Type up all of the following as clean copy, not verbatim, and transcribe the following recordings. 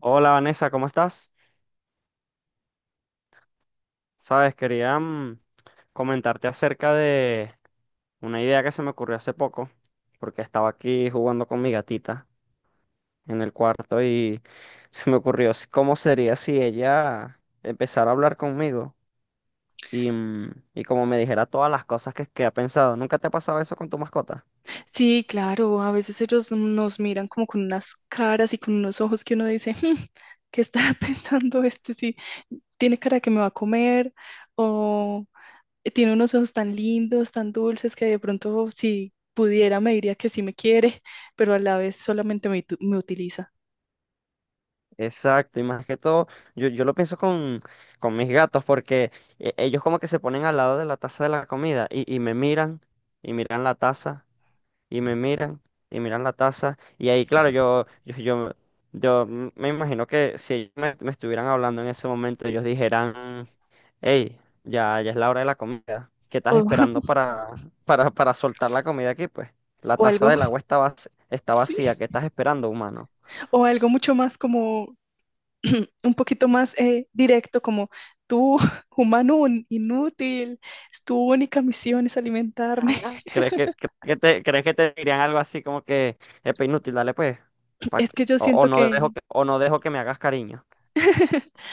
Hola, Vanessa, ¿cómo estás? Sabes, quería comentarte acerca de una idea que se me ocurrió hace poco, porque estaba aquí jugando con mi gatita en el cuarto y se me ocurrió cómo sería si ella empezara a hablar conmigo y como me dijera todas las cosas que ha pensado. ¿Nunca te ha pasado eso con tu mascota? Sí, claro, a veces ellos nos miran como con unas caras y con unos ojos que uno dice, "Hmm, ¿qué estará pensando este? Sí, tiene cara que me va a comer o tiene unos ojos tan lindos, tan dulces que de pronto si pudiera me diría que sí me quiere, pero a la vez solamente me, me utiliza. Exacto, y más que todo, yo lo pienso con mis gatos porque ellos como que se ponen al lado de la taza de la comida y me miran y miran la taza. Y me miran y miran la taza y ahí claro yo me imagino que si me, me estuvieran hablando en ese momento ellos dijeran: hey, ya es la hora de la comida, ¿qué estás O, esperando para soltar la comida aquí pues? La o taza algo, del agua está está sí, vacía, ¿qué estás esperando, humano? o algo mucho más como, un poquito más directo, como tú, humano inútil, tu única misión es alimentarme. Ah. ¿Crees que crees que te dirían algo así como que es inútil, dale pues, Es que yo o siento no dejo que que o no dejo que me hagas cariño?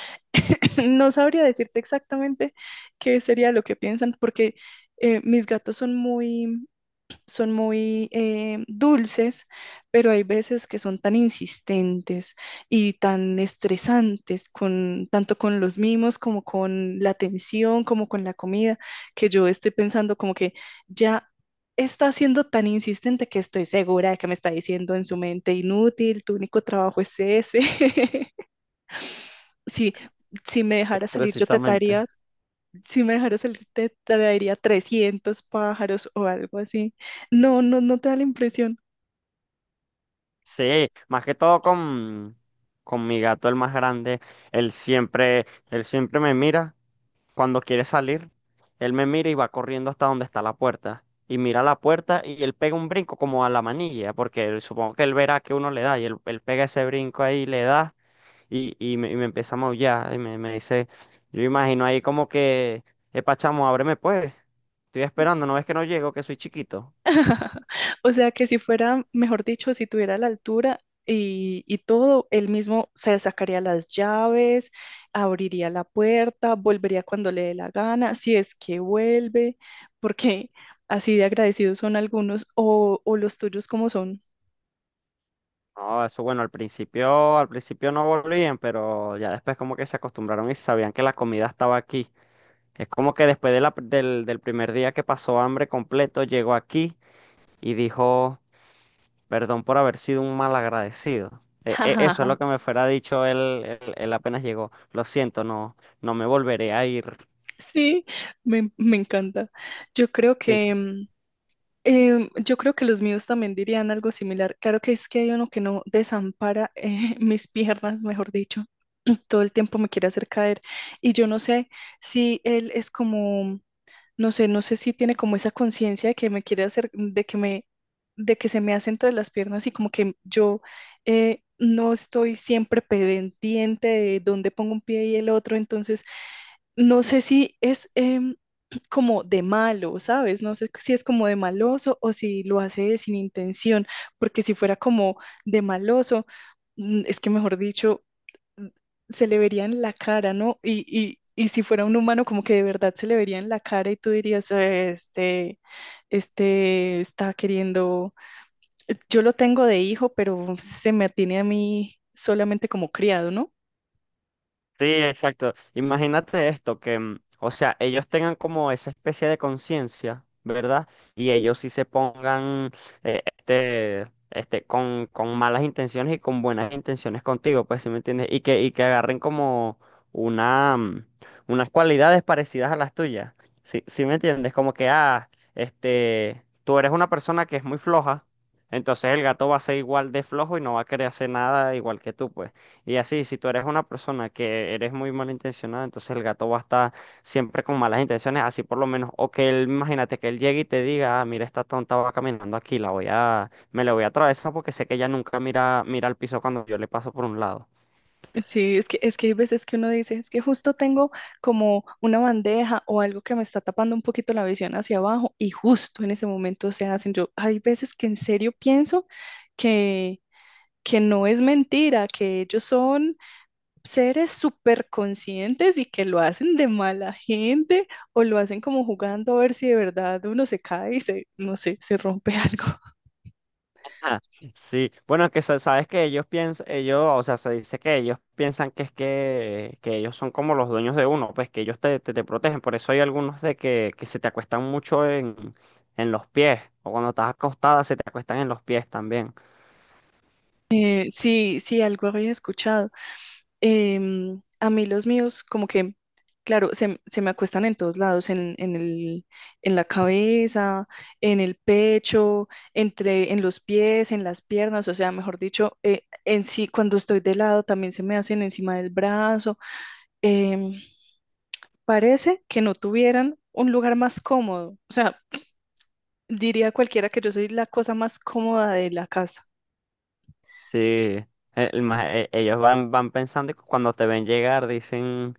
no sabría decirte exactamente qué sería lo que piensan, porque mis gatos son muy dulces, pero hay veces que son tan insistentes y tan estresantes, con, tanto con los mimos como con la atención, como con la comida, que yo estoy pensando como que ya está siendo tan insistente que estoy segura de que me está diciendo en su mente, inútil, tu único trabajo es ese. Si, si me dejara salir, yo te Precisamente. traería, si me dejara salir, te traería 300 pájaros o algo así. No, no, no te da la impresión. Sí, más que todo con mi gato, el más grande, él siempre me mira cuando quiere salir, él me mira y va corriendo hasta donde está la puerta. Y mira la puerta y él pega un brinco como a la manilla, porque supongo que él verá que uno le da y él pega ese brinco ahí, le da y me empieza a maullar me dice, yo imagino ahí como que epa, chamo, ábreme pues, estoy esperando, ¿no ves que no llego, que soy chiquito? O sea, que si fuera, mejor dicho, si tuviera la altura y todo, él mismo se sacaría las llaves, abriría la puerta, volvería cuando le dé la gana, si es que vuelve, porque así de agradecidos son algunos o los tuyos como son. No, eso bueno, al principio no volvían, pero ya después como que se acostumbraron y sabían que la comida estaba aquí. Es como que después de del primer día que pasó hambre completo, llegó aquí y dijo: perdón por haber sido un mal agradecido. Eso es lo que me fuera dicho él, él apenas llegó. Lo siento, no, no me volveré a ir. Sí, me encanta. Yo creo Sí. que, mm, yo creo que los míos también dirían algo similar. Claro que es que hay uno que no desampara mis piernas, mejor dicho. Todo el tiempo me quiere hacer caer. Y yo no sé si él es como, no sé, no sé si tiene como esa conciencia de que me quiere hacer, de que me, de que se me hace entre las piernas y como que yo no estoy siempre pendiente de dónde pongo un pie y el otro. Entonces, no sé si es como de malo, ¿sabes? No sé si es como de maloso o si lo hace sin intención, porque si fuera como de maloso, es que mejor dicho, mm, se le vería en la cara, ¿no? Y si fuera un humano, como que de verdad se le vería en la cara y tú dirías, Este, este está queriendo, yo lo tengo de hijo, pero se me atiene a mí solamente como criado, ¿no? Sí, exacto. Imagínate esto, o sea, ellos tengan como esa especie de conciencia, ¿verdad? Y ellos sí se pongan, eh, este, este, con malas intenciones y con buenas intenciones contigo, pues, ¿sí me entiendes? Y que agarren como una, mm, unas cualidades parecidas a las tuyas. Sí, ¿sí me entiendes? Como que, ah, este, tú eres una persona que es muy floja, entonces el gato va a ser igual de flojo y no va a querer hacer nada igual que tú, pues. Y así, si tú eres una persona que eres muy malintencionada, entonces el gato va a estar siempre con malas intenciones, así por lo menos, o que él, imagínate que él llegue y te diga: ah, mira, esta tonta va caminando aquí, me la voy a atravesar porque sé que ella nunca mira, mira al piso cuando yo le paso por un lado. Sí, es que hay veces que uno dice, es que justo tengo como una bandeja o algo que me está tapando un poquito la visión hacia abajo y justo en ese momento se hacen. Yo, hay veces que en serio pienso que, que no es mentira, que ellos son seres súper conscientes y que lo hacen de mala gente o lo hacen como jugando a ver si de verdad uno se cae y se, no sé, se rompe algo. Ah, sí, bueno, es que sabes que ellos piensan, ellos, o sea, se dice que ellos piensan que ellos son como los dueños de uno, pues que ellos te protegen, por eso hay algunos que se te acuestan mucho en los pies, o cuando estás acostada se te acuestan en los pies también. Sí, sí, algo había escuchado. A mí los míos, como que, claro, se me acuestan en todos lados, en el, en la cabeza, en el pecho, entre, en los pies, en las piernas, o sea, mejor dicho, en sí, cuando estoy de lado, también se me hacen encima del brazo. Em, Parece que no tuvieran un lugar más cómodo, o sea, diría cualquiera que yo soy la cosa más cómoda de la casa. Sí, ellos van, van pensando y cuando te ven llegar dicen,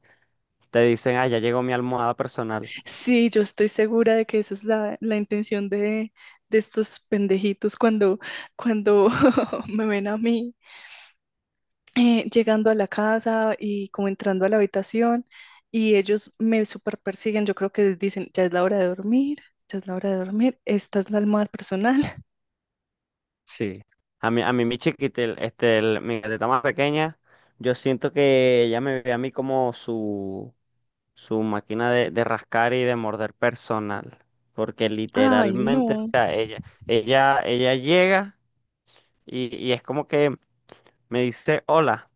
te dicen: ah, ya llegó mi almohada personal. Sí, yo estoy segura de que esa es la, la intención de estos pendejitos cuando, cuando me ven a mí llegando a la casa y como entrando a la habitación y ellos me super persiguen. Yo creo que dicen, ya es la hora de dormir, ya es la hora de dormir, esta es la almohada personal. Sí, a mí mi chiquitel, este, mi gatita más pequeña, yo siento que ella me ve a mí como su máquina de rascar y de morder personal, porque Ay, literalmente, o no. sea, ella llega y es como que me dice: hola,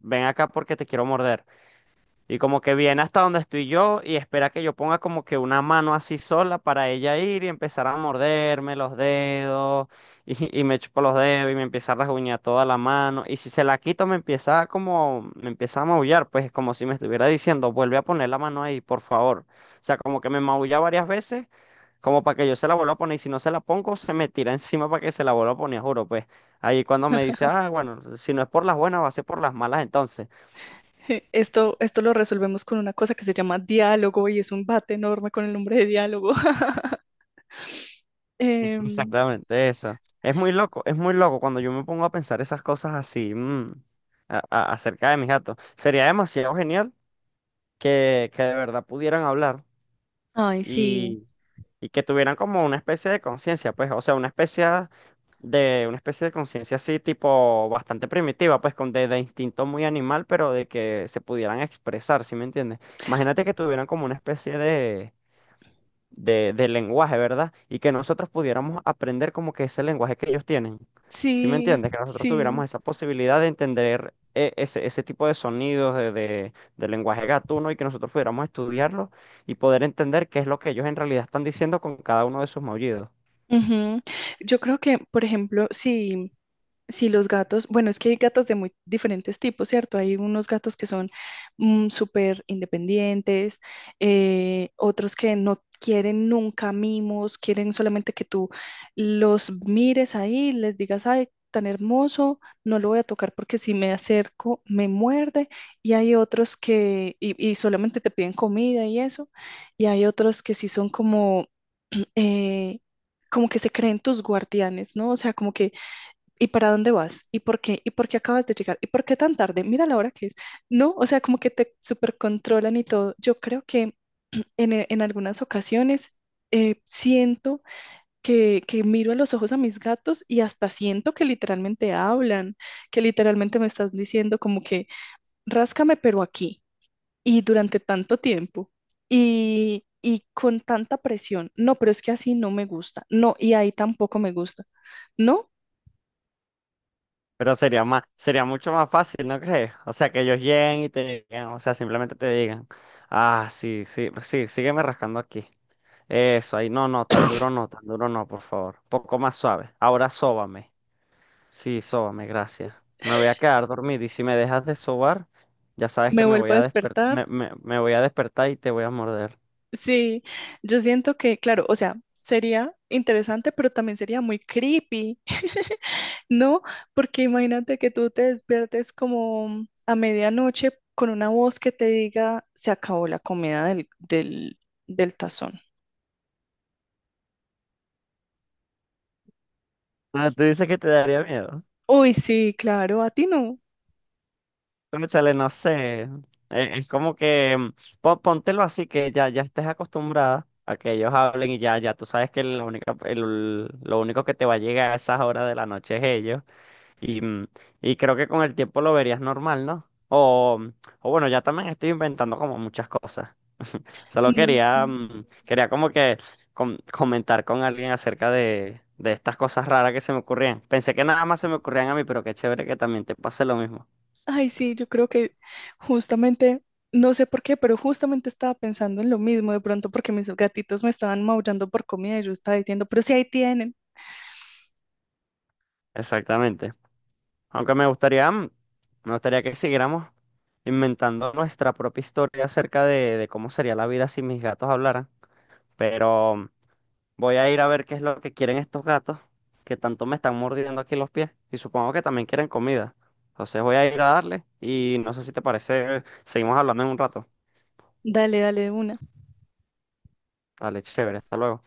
ven acá porque te quiero morder. Y como que viene hasta donde estoy yo y espera que yo ponga como que una mano así sola para ella ir y empezar a morderme los dedos y me chupa los dedos y me empieza a rasguñar toda la mano. Y si se la quito me empieza a como, me empieza a maullar, pues como si me estuviera diciendo: vuelve a poner la mano ahí, por favor. O sea, como que me maulla varias veces como para que yo se la vuelva a poner y si no se la pongo se me tira encima para que se la vuelva a poner, juro, pues. Ahí cuando me dice: ah, bueno, si no es por las buenas va a ser por las malas entonces. Esto lo resolvemos con una cosa que se llama diálogo y es un bate enorme con el nombre de diálogo. Em, Exactamente eso. Es muy loco cuando yo me pongo a pensar esas cosas así, acerca de mis gatos. Sería demasiado genial que de verdad pudieran hablar Ay, sí, y, y que tuvieran como una especie de conciencia, pues, o sea, una especie de conciencia así, tipo bastante primitiva, pues, de instinto muy animal, pero de que se pudieran expresar, ¿sí me entiendes? Imagínate que tuvieran como una especie de lenguaje, ¿verdad? Y que nosotros pudiéramos aprender como que ese lenguaje que ellos tienen. ¿Sí me sí, entiendes? Que nosotros sí. tuviéramos esa posibilidad de entender ese, ese tipo de sonidos de lenguaje gatuno y que nosotros pudiéramos estudiarlo y poder entender qué es lo que ellos en realidad están diciendo con cada uno de sus maullidos. Ujú. Yo creo que, por ejemplo, si, si los gatos, bueno, es que hay gatos de muy diferentes tipos, ¿cierto? Hay unos gatos que son súper independientes, otros que no quieren nunca mimos, quieren solamente que tú los mires ahí, les digas, ay, tan hermoso, no lo voy a tocar porque si me acerco me muerde, y hay otros que, y solamente te piden comida y eso, y hay otros que sí son como eh, como que se creen tus guardianes, ¿no? O sea, como que, ¿y para dónde vas? ¿Y por qué? ¿Y por qué acabas de llegar? ¿Y por qué tan tarde? Mira la hora que es, ¿no? O sea, como que te supercontrolan y todo. Yo creo que en, en algunas ocasiones siento que miro a los ojos a mis gatos y hasta siento que literalmente hablan, que literalmente me están diciendo como que, ráscame, pero aquí y durante tanto tiempo y con tanta presión. No, pero es que así no me gusta. No, y ahí tampoco me gusta. No, Pero sería más, sería mucho más fácil, ¿no crees? O sea, que ellos lleguen y te digan, o sea, simplemente te digan: ah, sí, sí, sí, sígueme rascando aquí. Eso, ahí. No, no, tan duro no, tan duro no, por favor. Poco más suave. Ahora sóbame. Sí, sóbame, gracias. Me voy a quedar dormido y si me dejas de sobar, ya sabes que me me vuelvo voy a a despertar. Me voy a despertar y te voy a morder. Sí, yo siento que, claro, o sea, sería interesante, pero también sería muy creepy, ¿no? Porque imagínate que tú te despiertes como a medianoche con una voz que te diga, se acabó la comida del, del, del tazón. Ah, tú dices que te daría miedo. Uy, sí, claro, a ti no. Cónchale, no sé. Es como que póntelo así que ya, ya estés acostumbrada a que ellos hablen y ya, ya tú sabes que la única, lo único que te va a llegar a esas horas de la noche es ellos. Y, mm, y creo que con el tiempo lo verías normal, ¿no? O bueno, ya también estoy inventando como muchas cosas. Solo No sé. quería, quería como que comentar con alguien acerca de estas cosas raras que se me ocurrían. Pensé que nada más se me ocurrían a mí, pero qué chévere que también te pase lo mismo. Ay, sí, yo creo que justamente, no sé por qué, pero justamente estaba pensando en lo mismo, de pronto porque mis gatitos me estaban maullando por comida y yo estaba diciendo, pero si ahí tienen, Exactamente. Aunque me gustaría, me gustaría que siguiéramos inventando nuestra propia historia acerca de cómo sería la vida si mis gatos hablaran. Pero voy a ir a ver qué es lo que quieren estos gatos, que tanto me están mordiendo aquí los pies, y supongo que también quieren comida. Entonces voy a ir a darle y no sé si te parece, seguimos hablando en un rato. dale, dale de una. Dale, chévere, hasta luego.